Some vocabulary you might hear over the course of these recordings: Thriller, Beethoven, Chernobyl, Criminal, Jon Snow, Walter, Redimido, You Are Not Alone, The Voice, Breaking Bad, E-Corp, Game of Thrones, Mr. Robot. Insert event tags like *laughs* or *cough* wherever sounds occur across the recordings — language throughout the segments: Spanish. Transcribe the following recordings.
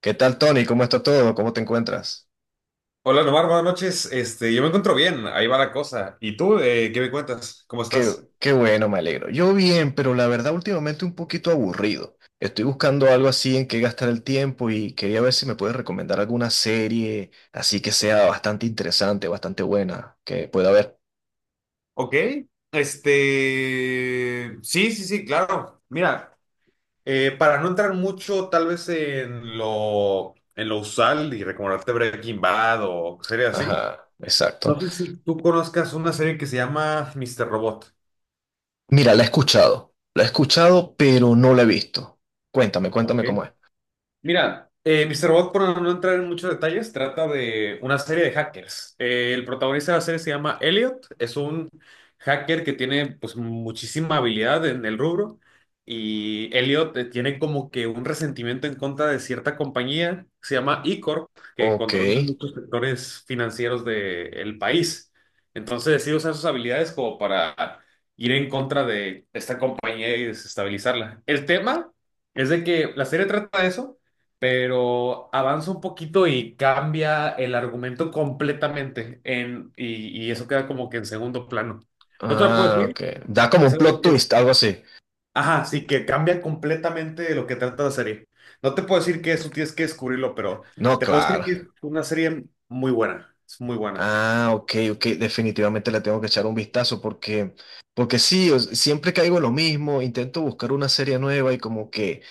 ¿Qué tal, Tony? ¿Cómo está todo? ¿Cómo te encuentras? Hola Nomar, buenas noches. Yo me encuentro bien, ahí va la cosa. ¿Y tú, qué me cuentas? ¿Cómo Qué, estás? qué bueno, me alegro. Yo bien, pero la verdad últimamente un poquito aburrido. Estoy buscando algo así en que gastar el tiempo y quería ver si me puedes recomendar alguna serie así que sea bastante interesante, bastante buena, que pueda ver. Ok, sí, sí, sí, claro. Mira, para no entrar mucho tal vez en lo usual y recomendarte Breaking Bad o series así, Ajá, exacto. no sé si tú conozcas una serie que se llama Mr. Robot. Mira, la he escuchado. La he escuchado, pero no la he visto. Cuéntame, cuéntame cómo es. Ok. Mira, Mr. Robot, por no entrar en muchos detalles, trata de una serie de hackers. El protagonista de la serie se llama Elliot, es un hacker que tiene pues muchísima habilidad en el rubro y Elliot tiene como que un resentimiento en contra de cierta compañía, que se llama E-Corp, que Ok. controla muchos sectores financieros del país. Entonces decide usar sus habilidades como para ir en contra de esta compañía y desestabilizarla. El tema... Es de que la serie trata de eso, pero avanza un poquito y cambia el argumento completamente y eso queda como que en segundo plano. ¿No te lo puedo Ah, decir? ok. Da como Es un algo que plot piensas. twist, algo así. Ajá, sí, que cambia completamente lo que trata la serie. No te puedo decir que eso tienes que descubrirlo, pero No, te puedo decir claro. que es una serie muy buena. Es muy buena. Ah, ok, ok, definitivamente le tengo que echar un vistazo porque, porque sí, siempre caigo en lo mismo, intento buscar una serie nueva y como que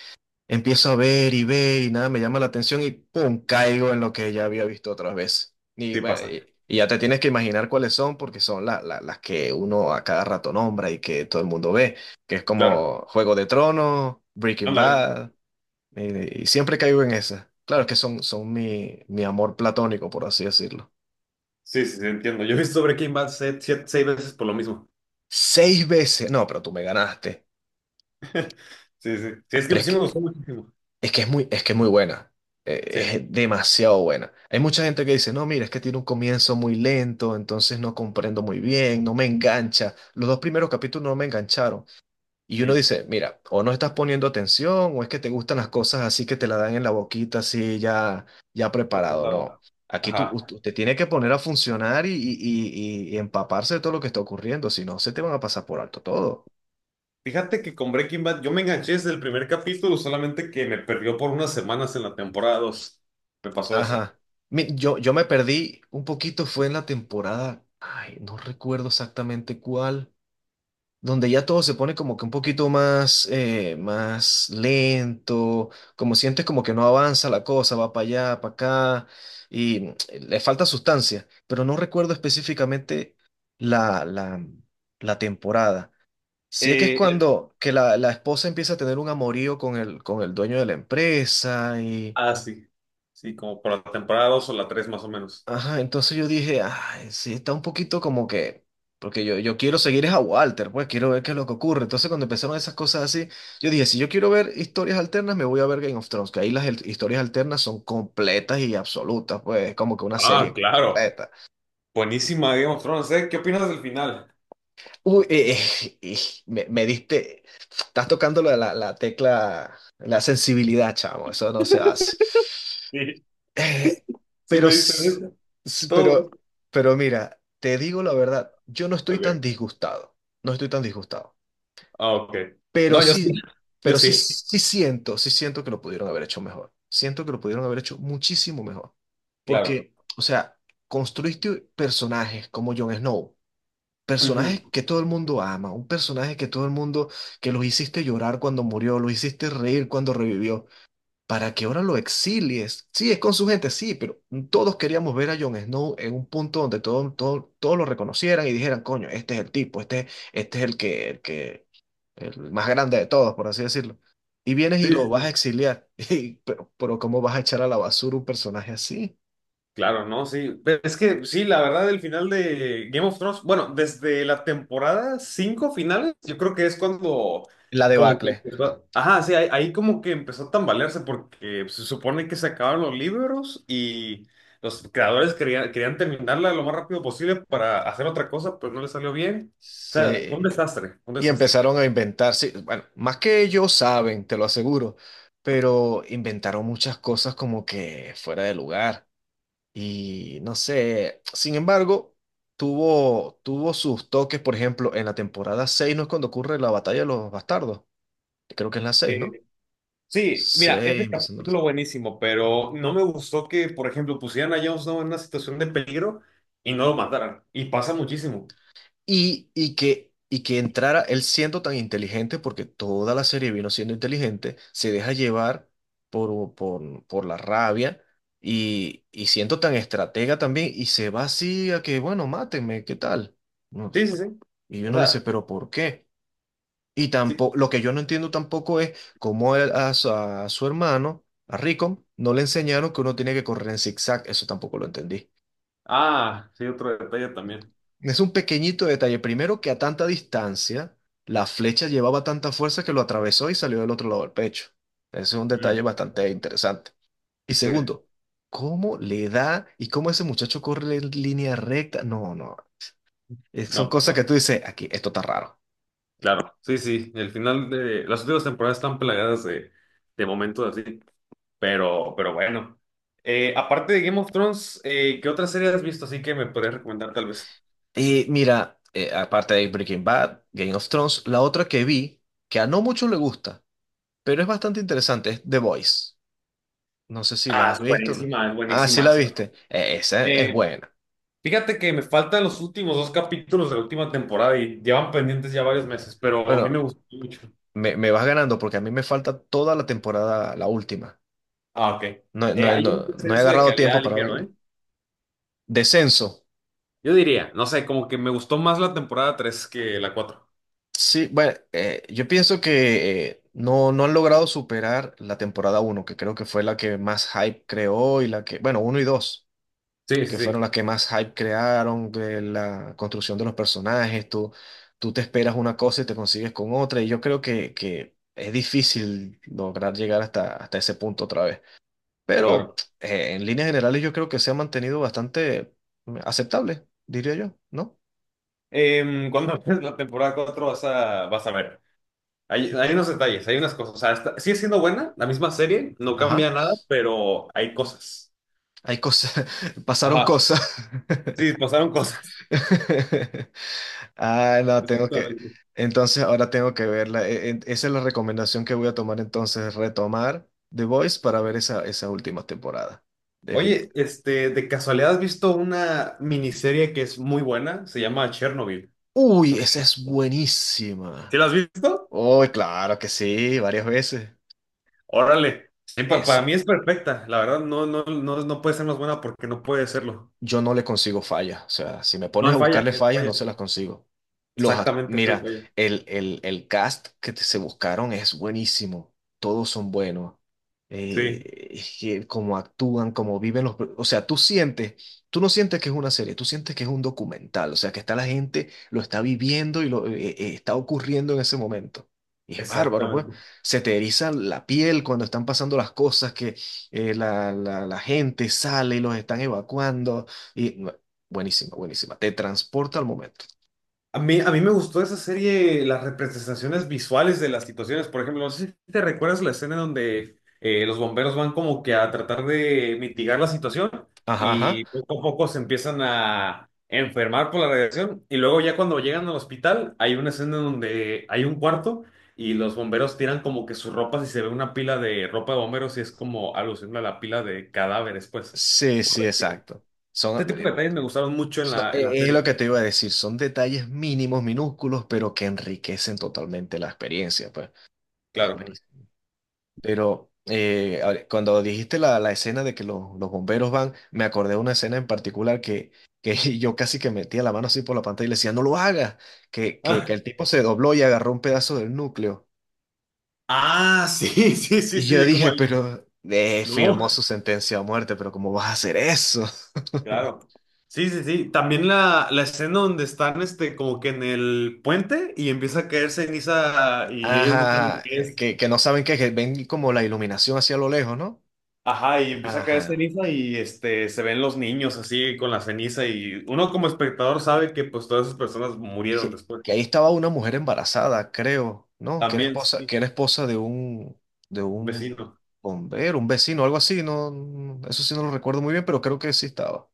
empiezo a ver y ver y nada me llama la atención y pum, caigo en lo que ya había visto otras veces. Y, Sí bueno, pasa. y ya te tienes que imaginar cuáles son porque son las que uno a cada rato nombra y que todo el mundo ve, que es Claro. como Juego de Tronos, Breaking Ándale. Bad, y siempre caigo en esas. Claro que son, son mi amor platónico, por así decirlo. Sí, sí, sí, entiendo. Yo he visto Breaking Bad seis veces por lo mismo. *laughs* Seis veces. No, pero tú me ganaste. Sí, sí. Sí, es Pero que es sí me que gustó muchísimo. es que es muy, es que es muy buena. Eh, Sí. Es demasiado buena. Hay mucha gente que dice, no, mira, es que tiene un comienzo muy lento, entonces no comprendo muy bien, no me engancha. Los dos primeros capítulos no me engancharon. Y uno Mm. dice, mira, o no estás poniendo atención, o es que te gustan las cosas así que te la dan en la boquita, así ya, ya preparado. No. Procesado. Aquí tú, Ajá. usted tiene que poner a funcionar y empaparse de todo lo que está ocurriendo, si no, se te van a pasar por alto todo. Fíjate que con Breaking Bad yo me enganché desde el primer capítulo, solamente que me perdió por unas semanas en la temporada dos. Me pasó eso. Ajá. Yo, yo me perdí un poquito, fue en la temporada, ay, no recuerdo exactamente cuál, donde ya todo se pone como que un poquito más, más lento, como sientes como que no avanza la cosa, va para allá, para acá, y mm, le falta sustancia, pero no recuerdo específicamente la, la, la temporada. Sé que es Eh, eh, cuando que la esposa empieza a tener un amorío con el dueño de la empresa. Sí. Sí, como por la temporada 2 o la tres más o menos. Ajá, entonces yo dije, ay, sí, está un poquito como que, porque yo quiero seguir es a Walter, pues quiero ver qué es lo que ocurre. Entonces cuando empezaron esas cosas así, yo dije, si yo quiero ver historias alternas, me voy a ver Game of Thrones, que ahí las historias alternas son completas y absolutas, pues es como que una Ah, serie claro. completa. Buenísima Game of Thrones, ¿eh? ¿Qué opinas del final? Uy, me diste, estás tocando la, la tecla, la sensibilidad, chamo, eso no se hace. Sí, Eh, sí pero, me dicen s- eso. s- Todo. pero, pero mira, te digo la verdad, yo no estoy tan Ok. disgustado, no estoy tan disgustado, Ah, ok. pero No, yo sí. sí, Yo pero sí, sí. Sí siento que lo pudieron haber hecho mejor, siento que lo pudieron haber hecho muchísimo mejor, Claro. porque, o sea, construiste personajes como Jon Snow, Ujú. personajes que todo el mundo ama, un personaje que todo el mundo, que los hiciste llorar cuando murió, los hiciste reír cuando revivió para que ahora lo exilies. Sí, es con su gente, sí, pero todos queríamos ver a Jon Snow en un punto donde todo, todos lo reconocieran y dijeran, coño, este es el tipo, este es el que, el que, el más grande de todos, por así decirlo. Y vienes y Sí, lo sí, vas a sí. exiliar. *laughs* Y, pero ¿cómo vas a echar a la basura un personaje así? Claro, ¿no? Sí. Pero es que sí, la verdad, el final de Game of Thrones, bueno, desde la temporada 5 finales, yo creo que es cuando La como que debacle. empezó, ajá, sí, ahí, ahí como que empezó a tambalearse porque se supone que se acabaron los libros y los creadores querían terminarla lo más rápido posible para hacer otra cosa, pero no les salió bien. O sea, fue un Sí, desastre, fue un y desastre. empezaron a inventar, sí, bueno, más que ellos saben, te lo aseguro, pero inventaron muchas cosas como que fuera de lugar. Y no sé, sin embargo, tuvo sus toques, por ejemplo, en la temporada 6 ¿no es cuando ocurre la batalla de los bastardos? Creo que es la seis, ¿no? Sí, mira, es Seis el empezando capítulo buenísimo, pero no me gustó que, por ejemplo, pusieran a Jon Snow en una situación de peligro y no lo mataran. Y pasa muchísimo. Y, y que entrara él siendo tan inteligente, porque toda la serie vino siendo inteligente, se deja llevar por la rabia y siendo tan estratega también, y se va así a que, bueno, mátenme, ¿qué tal? No, Sí, sí, sí. y O uno dice, sea, ¿pero por qué? Y sí. tampoco, lo que yo no entiendo tampoco es cómo su a su hermano, a Rico, no le enseñaron que uno tiene que correr en zigzag. Eso tampoco lo entendí. Ah, sí, otro detalle también. Es un pequeñito detalle. Primero, que a tanta distancia, la flecha llevaba tanta fuerza que lo atravesó y salió del otro lado del pecho. Ese es un detalle Mm, bastante interesante. Y sí, segundo, ¿cómo le da y cómo ese muchacho corre en línea recta? No, no. Son no, pues cosas que no. tú dices, aquí, esto está raro. Claro, sí, sí. El final de las últimas temporadas están plagadas de momentos así, pero bueno. Aparte de Game of Thrones, ¿qué otra serie has visto así que me podrías recomendar tal vez? Y mira, aparte de Breaking Bad, Game of Thrones, la otra que vi, que a no muchos le gusta, pero es bastante interesante, es The Voice. No sé si Ah, la has es visto. Buenísima, es Ah, sí buenísima. la viste. Esa es buena. Fíjate que me faltan los últimos dos capítulos de la última temporada y llevan pendientes ya varios meses, pero a mí Bueno, me gustó mucho. me vas ganando porque a mí me falta toda la temporada, la última. Ah, ok. No, no, Hay un no, no he descenso de agarrado tiempo calidad para ligero, ¿eh? verla. Descenso. Yo diría, no sé, como que me gustó más la temporada tres que la cuatro. Sí, bueno, yo pienso que no, no han logrado superar la temporada uno, que creo que fue la que más hype creó y la que, bueno, uno y dos, Sí, sí, que sí, fueron las que más hype crearon, de la construcción de los personajes, tú te esperas una cosa y te consigues con otra, y yo creo que es difícil lograr llegar hasta, hasta ese punto otra vez. Pero claro. En líneas generales yo creo que se ha mantenido bastante aceptable, diría yo, ¿no? Cuando *laughs* ves la temporada 4 vas a ver. Hay unos detalles, hay unas cosas. O sea, está- sigue siendo buena, la misma serie, no Ajá, cambia nada, pero hay cosas. hay cosas, *laughs* pasaron Ajá. cosas. Sí, pasaron cosas. *laughs* Ah, *laughs* no, tengo que. Exactamente. Entonces ahora tengo que verla. Esa es la recomendación que voy a tomar entonces, retomar The Voice para ver esa, esa última temporada. Oye, Definitivamente. este, de casualidad has visto una miniserie que es muy buena, se llama Chernobyl. Uy, esa es ¿Sí buenísima. la has visto? Uy, claro que sí, varias veces. Órale. Sí, para mí Esa, es perfecta, la verdad no, no, no, no puede ser más buena porque no puede serlo. yo no le consigo fallas. O sea, si me No pones a hay falla. buscarle No hay fallas, no falla. se las consigo. Exactamente, no hay Mira, falla. El cast que se buscaron es buenísimo. Todos son buenos. Sí, Es que cómo actúan, cómo viven los... O sea, tú sientes, tú no sientes que es una serie, tú sientes que es un documental. O sea, que está la gente, lo está viviendo y lo está ocurriendo en ese momento. Y es bárbaro, pues. exactamente. Se te eriza la piel cuando están pasando las cosas que la gente sale y los están evacuando. Y no, buenísima, buenísima. Te transporta al momento. A mí me gustó esa serie, las representaciones visuales de las situaciones. Por ejemplo, no sé si te recuerdas la escena donde los bomberos van como que a tratar de mitigar la situación Ajá, ajá. y poco a poco se empiezan a enfermar por la radiación. Y luego ya cuando llegan al hospital, hay una escena donde hay un cuarto y los bomberos tiran como que sus ropas y se ve una pila de ropa de bomberos y es como alusión a la pila de cadáveres, pues. Sí, sí, exacto. Son, Este tipo de detalles me gustaron mucho en la es lo que serie. te iba a decir. Son detalles mínimos, minúsculos, pero que enriquecen totalmente la experiencia, pues. Es Claro. buenísimo. Pero ahora, cuando dijiste la escena de que los bomberos van, me acordé de una escena en particular que *laughs* yo casi que metía la mano así por la pantalla y le decía, no lo hagas, que el *laughs* tipo se dobló y agarró un pedazo del núcleo. Ah, sí, *laughs* sí, sí, Y yo sí, como dije, el- pero firmó No, su sentencia a muerte, pero ¿cómo vas a hacer eso? *laughs* claro. Sí, sí, sí. También la escena donde están este, como que en el puente y empieza a caer ceniza y ellos no saben Ajá, qué es. Que no saben qué, que ven como la iluminación hacia lo lejos, ¿no? Ajá, y empieza a caer Ajá, ceniza y este, se ven los niños así con la ceniza y uno como espectador sabe que pues todas esas personas murieron después. que ahí estaba una mujer embarazada, creo, ¿no? También, sí, Que era esposa de un vecino. bombero, un vecino, algo así, no, no, eso sí no lo recuerdo muy bien, pero creo que sí estaba.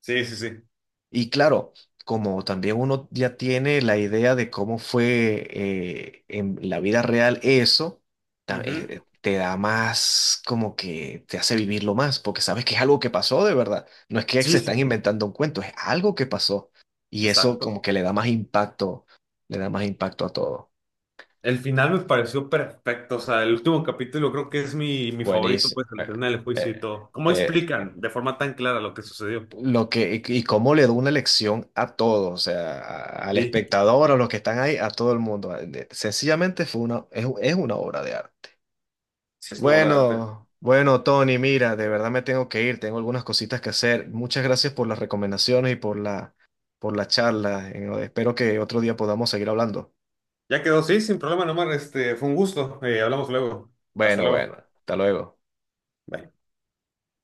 Sí, sí, sí. Y claro, como también uno ya tiene la idea de cómo fue en la vida real eso, Ujú. Te da más como que te hace vivirlo más, porque sabes que es algo que pasó de verdad. No es que Sí, se sí, están sí. inventando un cuento, es algo que pasó. Y eso como Exacto. que le da más impacto, le da más impacto a todo. El final me pareció perfecto, o sea, el último capítulo creo que es mi favorito, Buenísimo. pues, al final del juicio eh, y todo. ¿Cómo eh, explican de forma tan clara lo que sucedió? Lo que, y cómo le da una lección a todos, o sea, al Sí, espectador, a los que están ahí, a todo el mundo. Sencillamente fue una, es una obra de arte. sí, es una obra de arte. Bueno, bueno, Tony, mira, de verdad me tengo que ir, tengo algunas cositas que hacer. Muchas gracias por las recomendaciones y por por la charla. Espero que otro día podamos seguir hablando. Ya quedó, sí, sin problema, nomás, este, fue un gusto. Hablamos luego. Hasta Bueno, bueno, luego. hasta luego. Bye.